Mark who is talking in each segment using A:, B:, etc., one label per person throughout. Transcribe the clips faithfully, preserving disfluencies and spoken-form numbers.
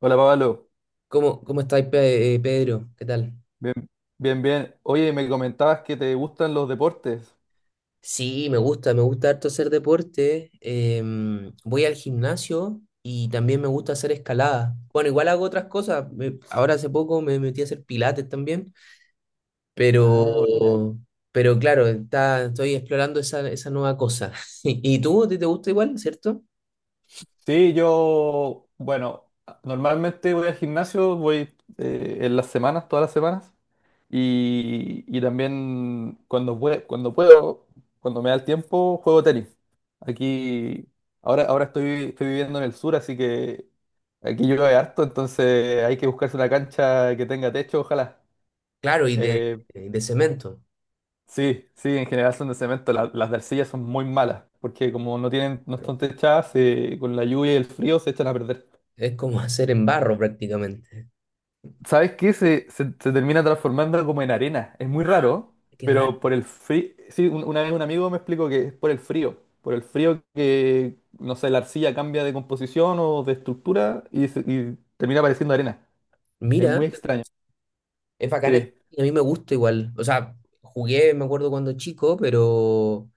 A: Hola Pablo,
B: ¿Cómo, cómo estáis, Pe- eh, Pedro? ¿Qué tal?
A: bien, bien, bien. Oye, me comentabas que te gustan los deportes.
B: Sí, me gusta, me gusta harto hacer deporte. Em, voy al gimnasio y también me gusta hacer escalada. Bueno, igual hago otras cosas. Me- ahora hace poco me metí a hacer pilates también,
A: Ah, buena.
B: pero, pero claro, está, estoy explorando esa, esa nueva cosa. ¿Y tú? ¿Te, te gusta igual, cierto?
A: Sí, yo, bueno, normalmente voy al gimnasio, voy eh, en las semanas, todas las semanas, y, y también cuando, pue- cuando puedo, cuando me da el tiempo, juego tenis. Aquí, ahora, ahora estoy, estoy viviendo en el sur, así que aquí llueve harto, entonces hay que buscarse una cancha que tenga techo, ojalá.
B: Claro, y de,
A: Eh,
B: de cemento.
A: Sí, sí, en general son de cemento. La- las de arcilla son muy malas, porque como no tienen, no
B: pero
A: están techadas, se- con la lluvia y el frío se echan a perder.
B: Es como hacer en barro prácticamente.
A: ¿Sabes qué? Se, se, se termina transformando como en arena. Es muy raro,
B: Qué raro.
A: pero por el frío. Sí, un- una vez un amigo me explicó que es por el frío. Por el frío que, no sé, la arcilla cambia de composición o de estructura y, se- y termina pareciendo arena. Es
B: Mira.
A: muy extraño.
B: Es bacán el tenis,
A: Sí.
B: a mí me gusta igual. O sea, jugué, me acuerdo cuando chico, pero,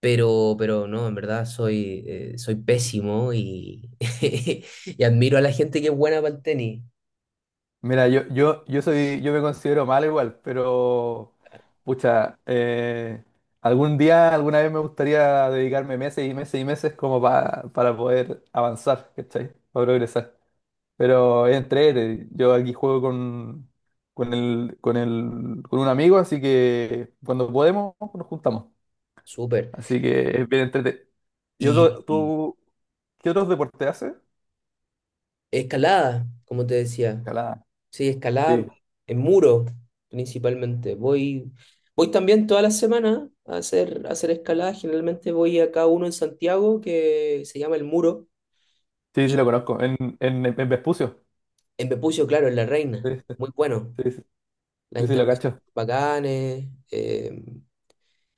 B: pero, pero no, en verdad soy, eh, soy pésimo y, y admiro a la gente que es buena para el tenis.
A: Mira, yo, yo, yo soy, yo me considero mal igual, pero pucha, eh, algún día, alguna vez me gustaría dedicarme meses y meses y meses como pa- para poder avanzar, ¿cachai? Para progresar. Pero es entrete, yo aquí juego con, con el, con el, con un amigo, así que cuando podemos nos juntamos.
B: Súper.
A: Así que es bien entrete. ¿Y
B: Y,
A: otro,
B: y
A: tú, qué otros deportes haces?
B: escalada, como te decía.
A: Escalada.
B: Sí, escalada
A: Sí,
B: en muro, principalmente. Voy, voy también todas las semanas a hacer, a hacer escalada. Generalmente voy a cada uno en Santiago que se llama El Muro.
A: sí, sí
B: Y
A: lo conozco. En, en, en Vespucio.
B: en Bepucio, claro, en La Reina.
A: Sí, sí,
B: Muy bueno.
A: sí. Sí.
B: Las
A: Sí, sí, lo
B: instalaciones
A: cacho.
B: son bacanes. eh,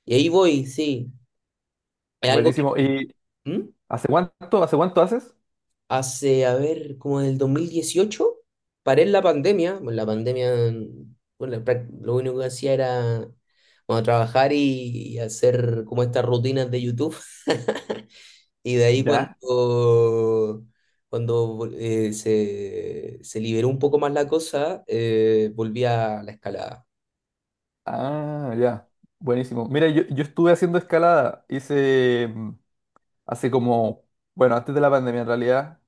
B: Y ahí voy, sí. Es algo que…
A: Buenísimo. ¿Y
B: ¿Mm?
A: hace cuánto, hace cuánto haces?
B: Hace, a ver, como en el dos mil dieciocho paré en la pandemia. Bueno, la pandemia, bueno, la prac- lo único que hacía era, bueno, trabajar y, y hacer como estas rutinas de YouTube. Y de ahí cuando,
A: Ya.
B: cuando eh, se, se liberó un poco más la cosa, eh, volví a la escalada.
A: Ah, ya. Buenísimo. Mira, yo, yo estuve haciendo escalada. Hice mm, hace como, bueno, antes de la pandemia en realidad.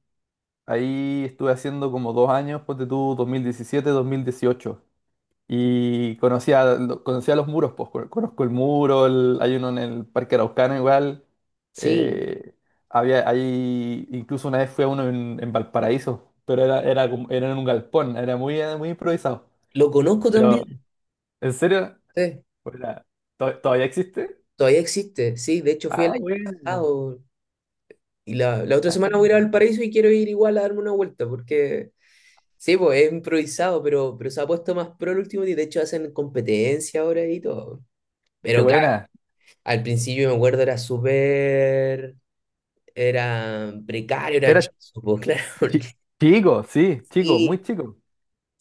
A: Ahí estuve haciendo como dos años, ponte tú, dos mil diecisiete, dos mil dieciocho. Y conocía, conocía los muros, pues con- conozco el muro, el- hay uno en el Parque Araucano igual.
B: Sí,
A: eh, había, hay, incluso una vez fui a uno en, en Valparaíso, pero era, era, como- era en un galpón, era muy, eh, muy improvisado.
B: lo conozco también.
A: Pero, ¿en serio?
B: Sí.
A: Hola, ¿to- ¿Todavía existe?
B: Todavía existe, sí. De hecho, fui el
A: Ah,
B: año
A: bueno.
B: pasado y la, la otra
A: Ah,
B: semana voy a ir al paraíso y quiero ir igual a darme una vuelta porque, sí, pues es improvisado, pero, pero se ha puesto más pro el último día. De hecho, hacen competencia ahora y todo.
A: qué
B: Pero claro,
A: buena.
B: al principio me acuerdo era súper, era precario, era
A: Era
B: chiso, pues claro, porque
A: chi- chico, sí, chico, muy
B: sí.
A: chico.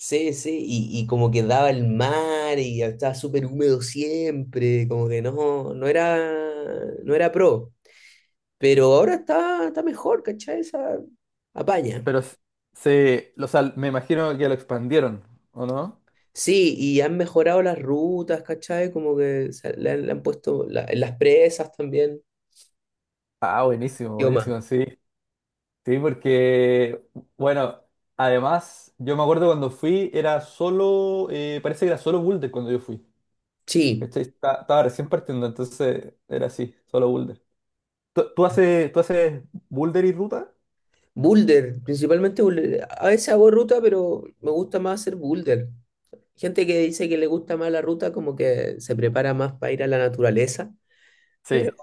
B: Sí, sí, y, y como que daba el mar y estaba súper húmedo siempre, como que no, no era, no era pro. Pero ahora está, está mejor, ¿cachai? Esa apaña.
A: Pero s- se, o sea, me imagino que lo expandieron, ¿o no?
B: Sí, y han mejorado las rutas, ¿cachai? Como que se- le, han le han puesto la- en las presas también,
A: Ah, buenísimo,
B: yo más.
A: buenísimo, sí. Sí, porque, bueno, además, yo me acuerdo cuando fui, era solo, eh, parece que era solo Boulder cuando yo fui.
B: Sí,
A: ¿Cachai? Esta- Estaba recién partiendo, entonces era así, solo Boulder. ¿Tú, tú haces, tú haces Boulder y ruta?
B: boulder, principalmente boulder. A veces hago ruta, pero me gusta más hacer boulder. Gente que dice que le gusta más la ruta, como que se prepara más para ir a la naturaleza. Pero,
A: Sí.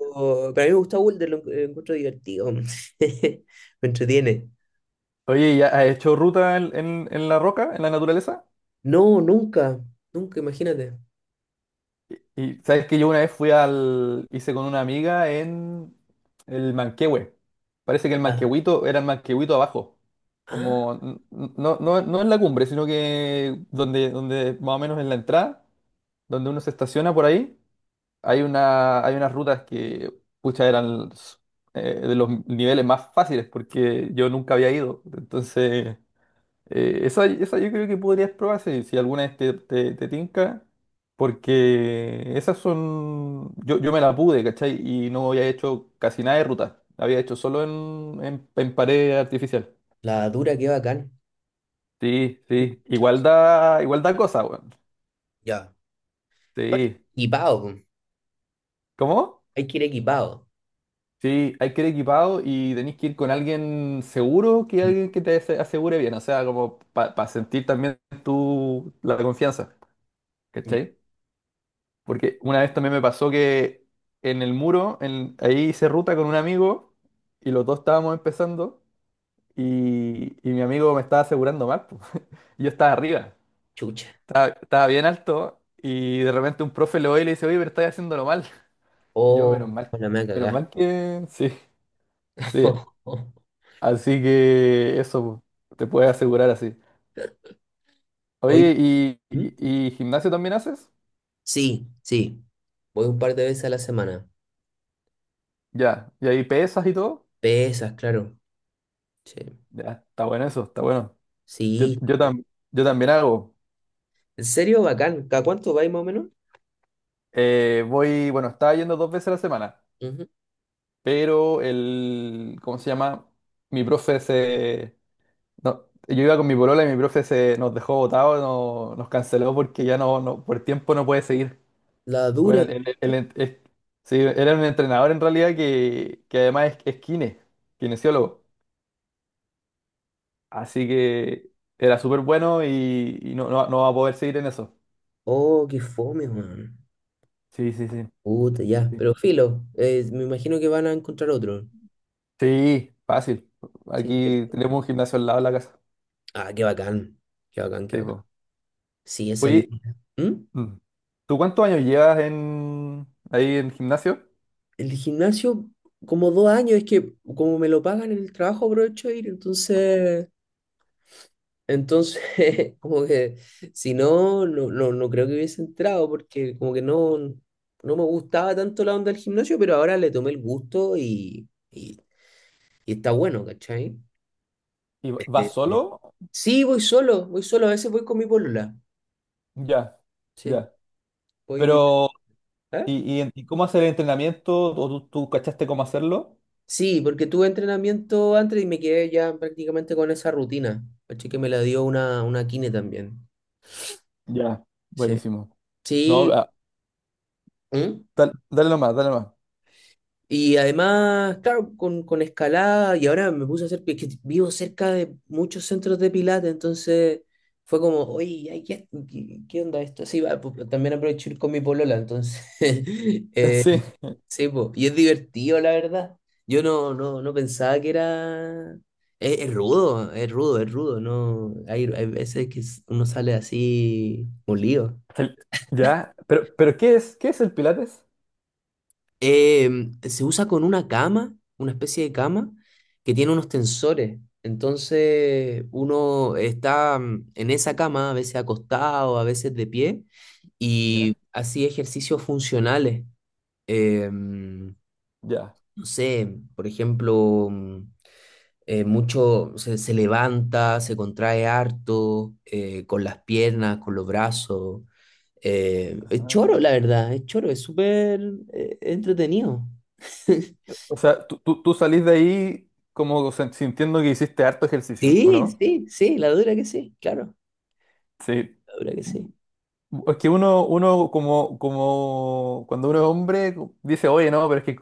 B: pero a mí me gusta boulder, lo, lo encuentro divertido. Me entretiene.
A: Oye, ¿ya has hecho ruta en, en- en la roca, en la naturaleza?
B: No, nunca, nunca, imagínate.
A: Y sabes que yo una vez fui al, hice con una amiga en el Manquehue. Parece que el Manquehuito era el Manquehuito abajo.
B: Ah,
A: Como n- n- no, no, no en la cumbre, sino que donde, donde más o menos en la entrada, donde uno se estaciona por ahí, hay una, hay unas rutas que pucha eran eh, de los niveles más fáciles, porque yo nunca había ido. Entonces eh, esa, esa yo creo que podrías probar si, si alguna vez te, te, te tinca, porque esas son... Yo, yo me la pude, ¿cachai? Y no había hecho casi nada de ruta, había hecho solo en, en, en pared artificial.
B: la dura, qué bacán.
A: Sí, sí, igual
B: Chas.
A: da, igual da cosa, weón.
B: Ya. Aparte,
A: Sí.
B: equipado, po.
A: ¿Cómo?
B: Hay que ir equipado.
A: Sí, hay que ir equipado y tenéis que ir con alguien seguro, que
B: Mm.
A: alguien que te ase- asegure bien, o sea, como para sentir también tu, la confianza,
B: Ya.
A: ¿cachai? Porque una vez también me pasó que en el muro, en- ahí hice ruta con un amigo y los dos estábamos empezando y, y mi amigo me estaba asegurando mal. Po. Yo estaba arriba,
B: Chucha.
A: estaba, estaba bien alto y de repente un profe lo ve y le dice, oye, pero estás haciéndolo mal. Y yo, menos
B: Oh,
A: mal,
B: la me
A: menos
B: cagá.
A: mal que... Sí, sí. Así que eso po, te puedes asegurar así. Oye,
B: Oye.
A: ¿y,
B: ¿Mm?
A: y, y gimnasio también haces?
B: Sí, sí. Voy un par de veces a la semana.
A: Ya, y ahí pesas y todo.
B: Pesas, claro. Sí.
A: Ya, está bueno eso, está bueno. Yo,
B: Sí, está
A: yo,
B: bueno.
A: tam- yo también hago.
B: ¿En serio, bacán? ¿Cada cuánto vais más o menos?
A: Eh, voy, bueno, estaba yendo dos veces a la semana,
B: Ujú.
A: pero el, ¿cómo se llama? Mi profe se... No, yo iba con mi polola y mi profe se nos dejó botados, no- nos canceló porque ya no, no, por tiempo no puede seguir.
B: La dura.
A: Bueno, el-
B: ¿Y qué
A: el- el-
B: hacer?
A: ent- es- sí, era un entrenador en realidad que, que además es, es kine, kinesiólogo. Así que era súper bueno y, y no, no, no va a poder seguir en eso.
B: Oh, qué fome, man.
A: Sí, sí, sí.
B: Puta, ya. Pero filo, eh, me imagino que van a encontrar otro.
A: Sí, fácil.
B: Sí,
A: Aquí
B: cierto.
A: tenemos un gimnasio al lado de la casa.
B: Ah, qué bacán. Qué bacán, qué
A: Sí,
B: bacán.
A: po.
B: Sí, es el.
A: Oye,
B: ¿Mm?
A: mm, ¿tú cuántos años llevas en ahí en gimnasio?
B: El gimnasio, como dos años, es que como me lo pagan en el trabajo, aprovecho de ir, entonces, entonces, como que si no, no, no, no creo que hubiese entrado, porque como que no, no me gustaba tanto la onda del gimnasio, pero ahora le tomé el gusto y, y, y está bueno, ¿cachai?
A: ¿Y va-
B: Eh,
A: vas
B: eh,
A: solo?
B: Sí, voy solo, voy solo, a veces voy con mi polola.
A: Ya,
B: Sí,
A: ya.
B: voy invitar.
A: Pero,
B: ¿Eh?
A: ¿y, y en- y cómo hacer el entrenamiento? ¿O tú, tú cachaste cómo hacerlo?
B: Sí, porque tuve entrenamiento antes y me quedé ya prácticamente con esa rutina. Caché que me la dio una, una kine también.
A: Ya.
B: Sí.
A: Buenísimo. No,
B: Sí.
A: ah,
B: ¿Mm?
A: dal- dale, nomás, dale nomás.
B: Y además, claro, con, con escalada, y ahora me puse a hacer, pi- que vivo cerca de muchos centros de pilates, entonces fue como, oye, ay, ¿qué, qué- qué onda esto? Sí, va, pues, también aprovecho ir con mi polola, entonces,
A: Eh,
B: eh,
A: Sí.
B: sí, pues, y es divertido, la verdad. Yo no, no, no pensaba que era... Es, es rudo, es rudo, es rudo, no, hay, hay veces que uno sale así molido.
A: El- Ya, pero, pero ¿qué es? ¿Qué es el Pilates?
B: Eh, Se usa con una cama, una especie de cama, que tiene unos tensores. Entonces uno está mm, en esa cama, a veces acostado, a veces de pie, y
A: Ya,
B: así ejercicios funcionales. Eh, mm,
A: ya.
B: no sé, por ejemplo, mm, eh, mucho se, se levanta, se contrae harto, eh, con las piernas, con los brazos. Eh, es choro, la verdad, es choro, es súper eh, entretenido.
A: O sea, tú, tú, tú salís de ahí como sen- sintiendo que hiciste harto ejercicio, ¿o
B: Sí,
A: no?
B: sí, sí, la dura que sí, claro,
A: Sí.
B: la dura que sí,
A: Es que uno, uno como, como cuando uno es hombre dice, oye, no, pero es que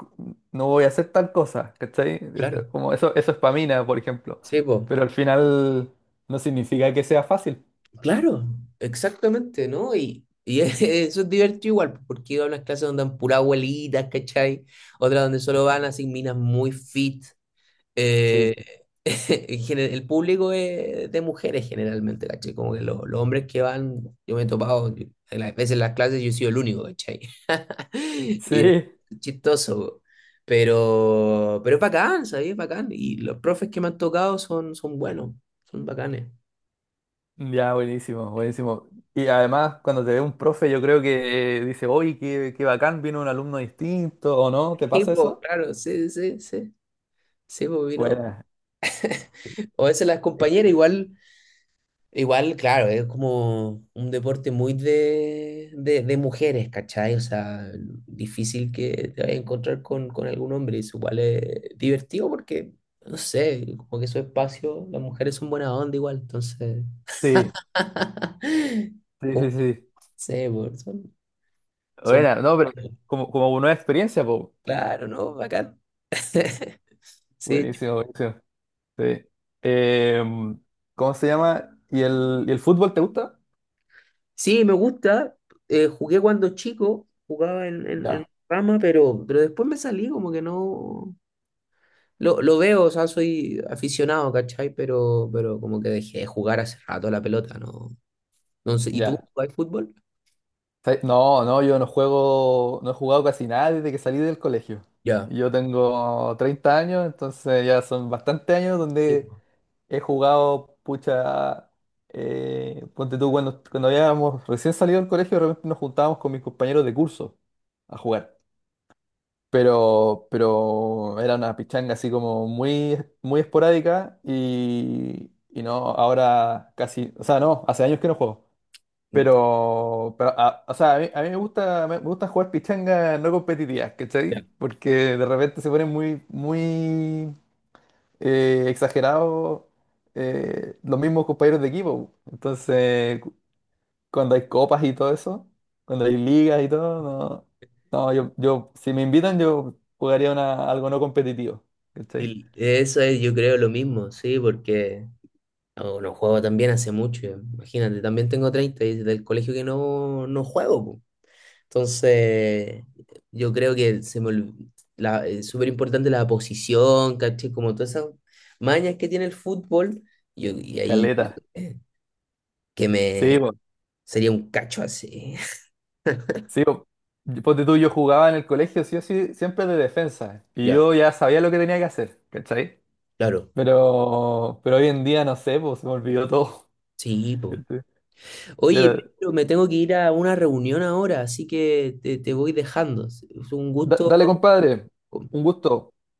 A: no voy a hacer tal cosa, ¿cachai? Es-
B: claro,
A: Como eso, eso es pamina, por ejemplo.
B: sí, po,
A: Pero al final no significa que sea fácil.
B: claro, exactamente, ¿no? Y, y eso es divertido igual, po, porque iba a unas clases donde dan pura abuelitas, ¿cachai? Otras donde solo van
A: Mm.
B: así minas muy fit.
A: Sí,
B: Eh, en gene- el público es de mujeres generalmente, ¿cachai? Como que los, los hombres que van, yo me he topado, yo- en las veces en las clases yo he sido el único, ¿cachai? Y
A: sí.
B: chistoso, po. pero, pero es bacán, ¿sabes? Es bacán. Y los profes que me han tocado son, son buenos, son bacanes.
A: Ya, buenísimo, buenísimo. Y además, cuando te ve un profe, yo creo que eh, dice, oye, qué, qué bacán, vino un alumno distinto, ¿o no? ¿Te
B: Sí,
A: pasa
B: po,
A: eso?
B: claro, sí, sí, sí. Sí, po, vino.
A: Buena.
B: O a veces las compañeras igual. Igual, claro, es como un deporte muy de, de, de mujeres, ¿cachai? O sea, difícil que te vayas a encontrar con, con algún hombre. Eso igual es divertido porque, no sé, como que su espacio, las mujeres son buena onda igual, entonces.
A: Sí, sí,
B: Como
A: sí,
B: que,
A: sí.
B: no sé, por- son, son.
A: Buena, no, pero como, como una nueva experiencia, po.
B: Claro, ¿no? Bacán. Sí,
A: Buenísimo, buenísimo. Sí. Eh, ¿cómo se llama? ¿Y el, y el fútbol te gusta?
B: sí, me gusta. Eh, jugué cuando chico, jugaba en, en, en
A: Ya,
B: rama, pero, pero después me salí, como que no. Lo, lo veo, o sea, soy aficionado, ¿cachai? Pero, pero como que dejé de jugar hace rato la pelota, ¿no? Entonces, ¿y tú
A: ya.
B: jugáis fútbol?
A: ¿Sabes? No, no, yo no juego, no he jugado casi nada desde que salí del colegio.
B: Ya.
A: Yo tengo treinta años, entonces ya son bastantes años
B: Sí,
A: donde
B: po.
A: he jugado, pucha, eh, ponte tú, cuando, cuando habíamos recién salido del colegio, de repente nos juntábamos con mis compañeros de curso a jugar. pero, pero era una pichanga así como muy, muy esporádica y, y no, ahora casi, o sea, no, hace años que no juego. Pero, pero a- o sea, a mí, a mí me gusta, me, me gusta jugar pichangas no competitivas,
B: Ya.
A: ¿cachai? Porque de repente se ponen muy, muy eh, exagerados eh, los mismos compañeros de equipo. Entonces, cuando hay copas y todo eso, cuando hay ligas y todo, no. No, yo, yo, si me invitan, yo jugaría una, algo no competitivo. ¿Cachai?
B: Y eso es, yo creo, lo mismo, sí, porque no, no juego también hace mucho, ya. Imagínate, también tengo treinta y desde el colegio que no, no juego, po. Entonces, yo creo que se me olvi- la, es súper importante la posición, ¿cachai? Como todas esas mañas que tiene el fútbol, yo, y ahí
A: Caleta.
B: eh, que
A: Sí,
B: me,
A: po.
B: sería un cacho así.
A: Sí, po. Yo- Ponte tú, yo jugaba en el colegio, sí o sí, siempre de defensa. Y
B: Ya.
A: yo ya sabía lo que tenía que hacer, ¿cachai?
B: Claro,
A: Pero, pero hoy en día no sé, pues se me olvidó todo.
B: sí, po.
A: ¿cachai?
B: Oye,
A: Pero,
B: pero me tengo que ir a una reunión ahora, así que te, te voy dejando. Es un
A: da-
B: gusto
A: dale, compadre. Un gusto.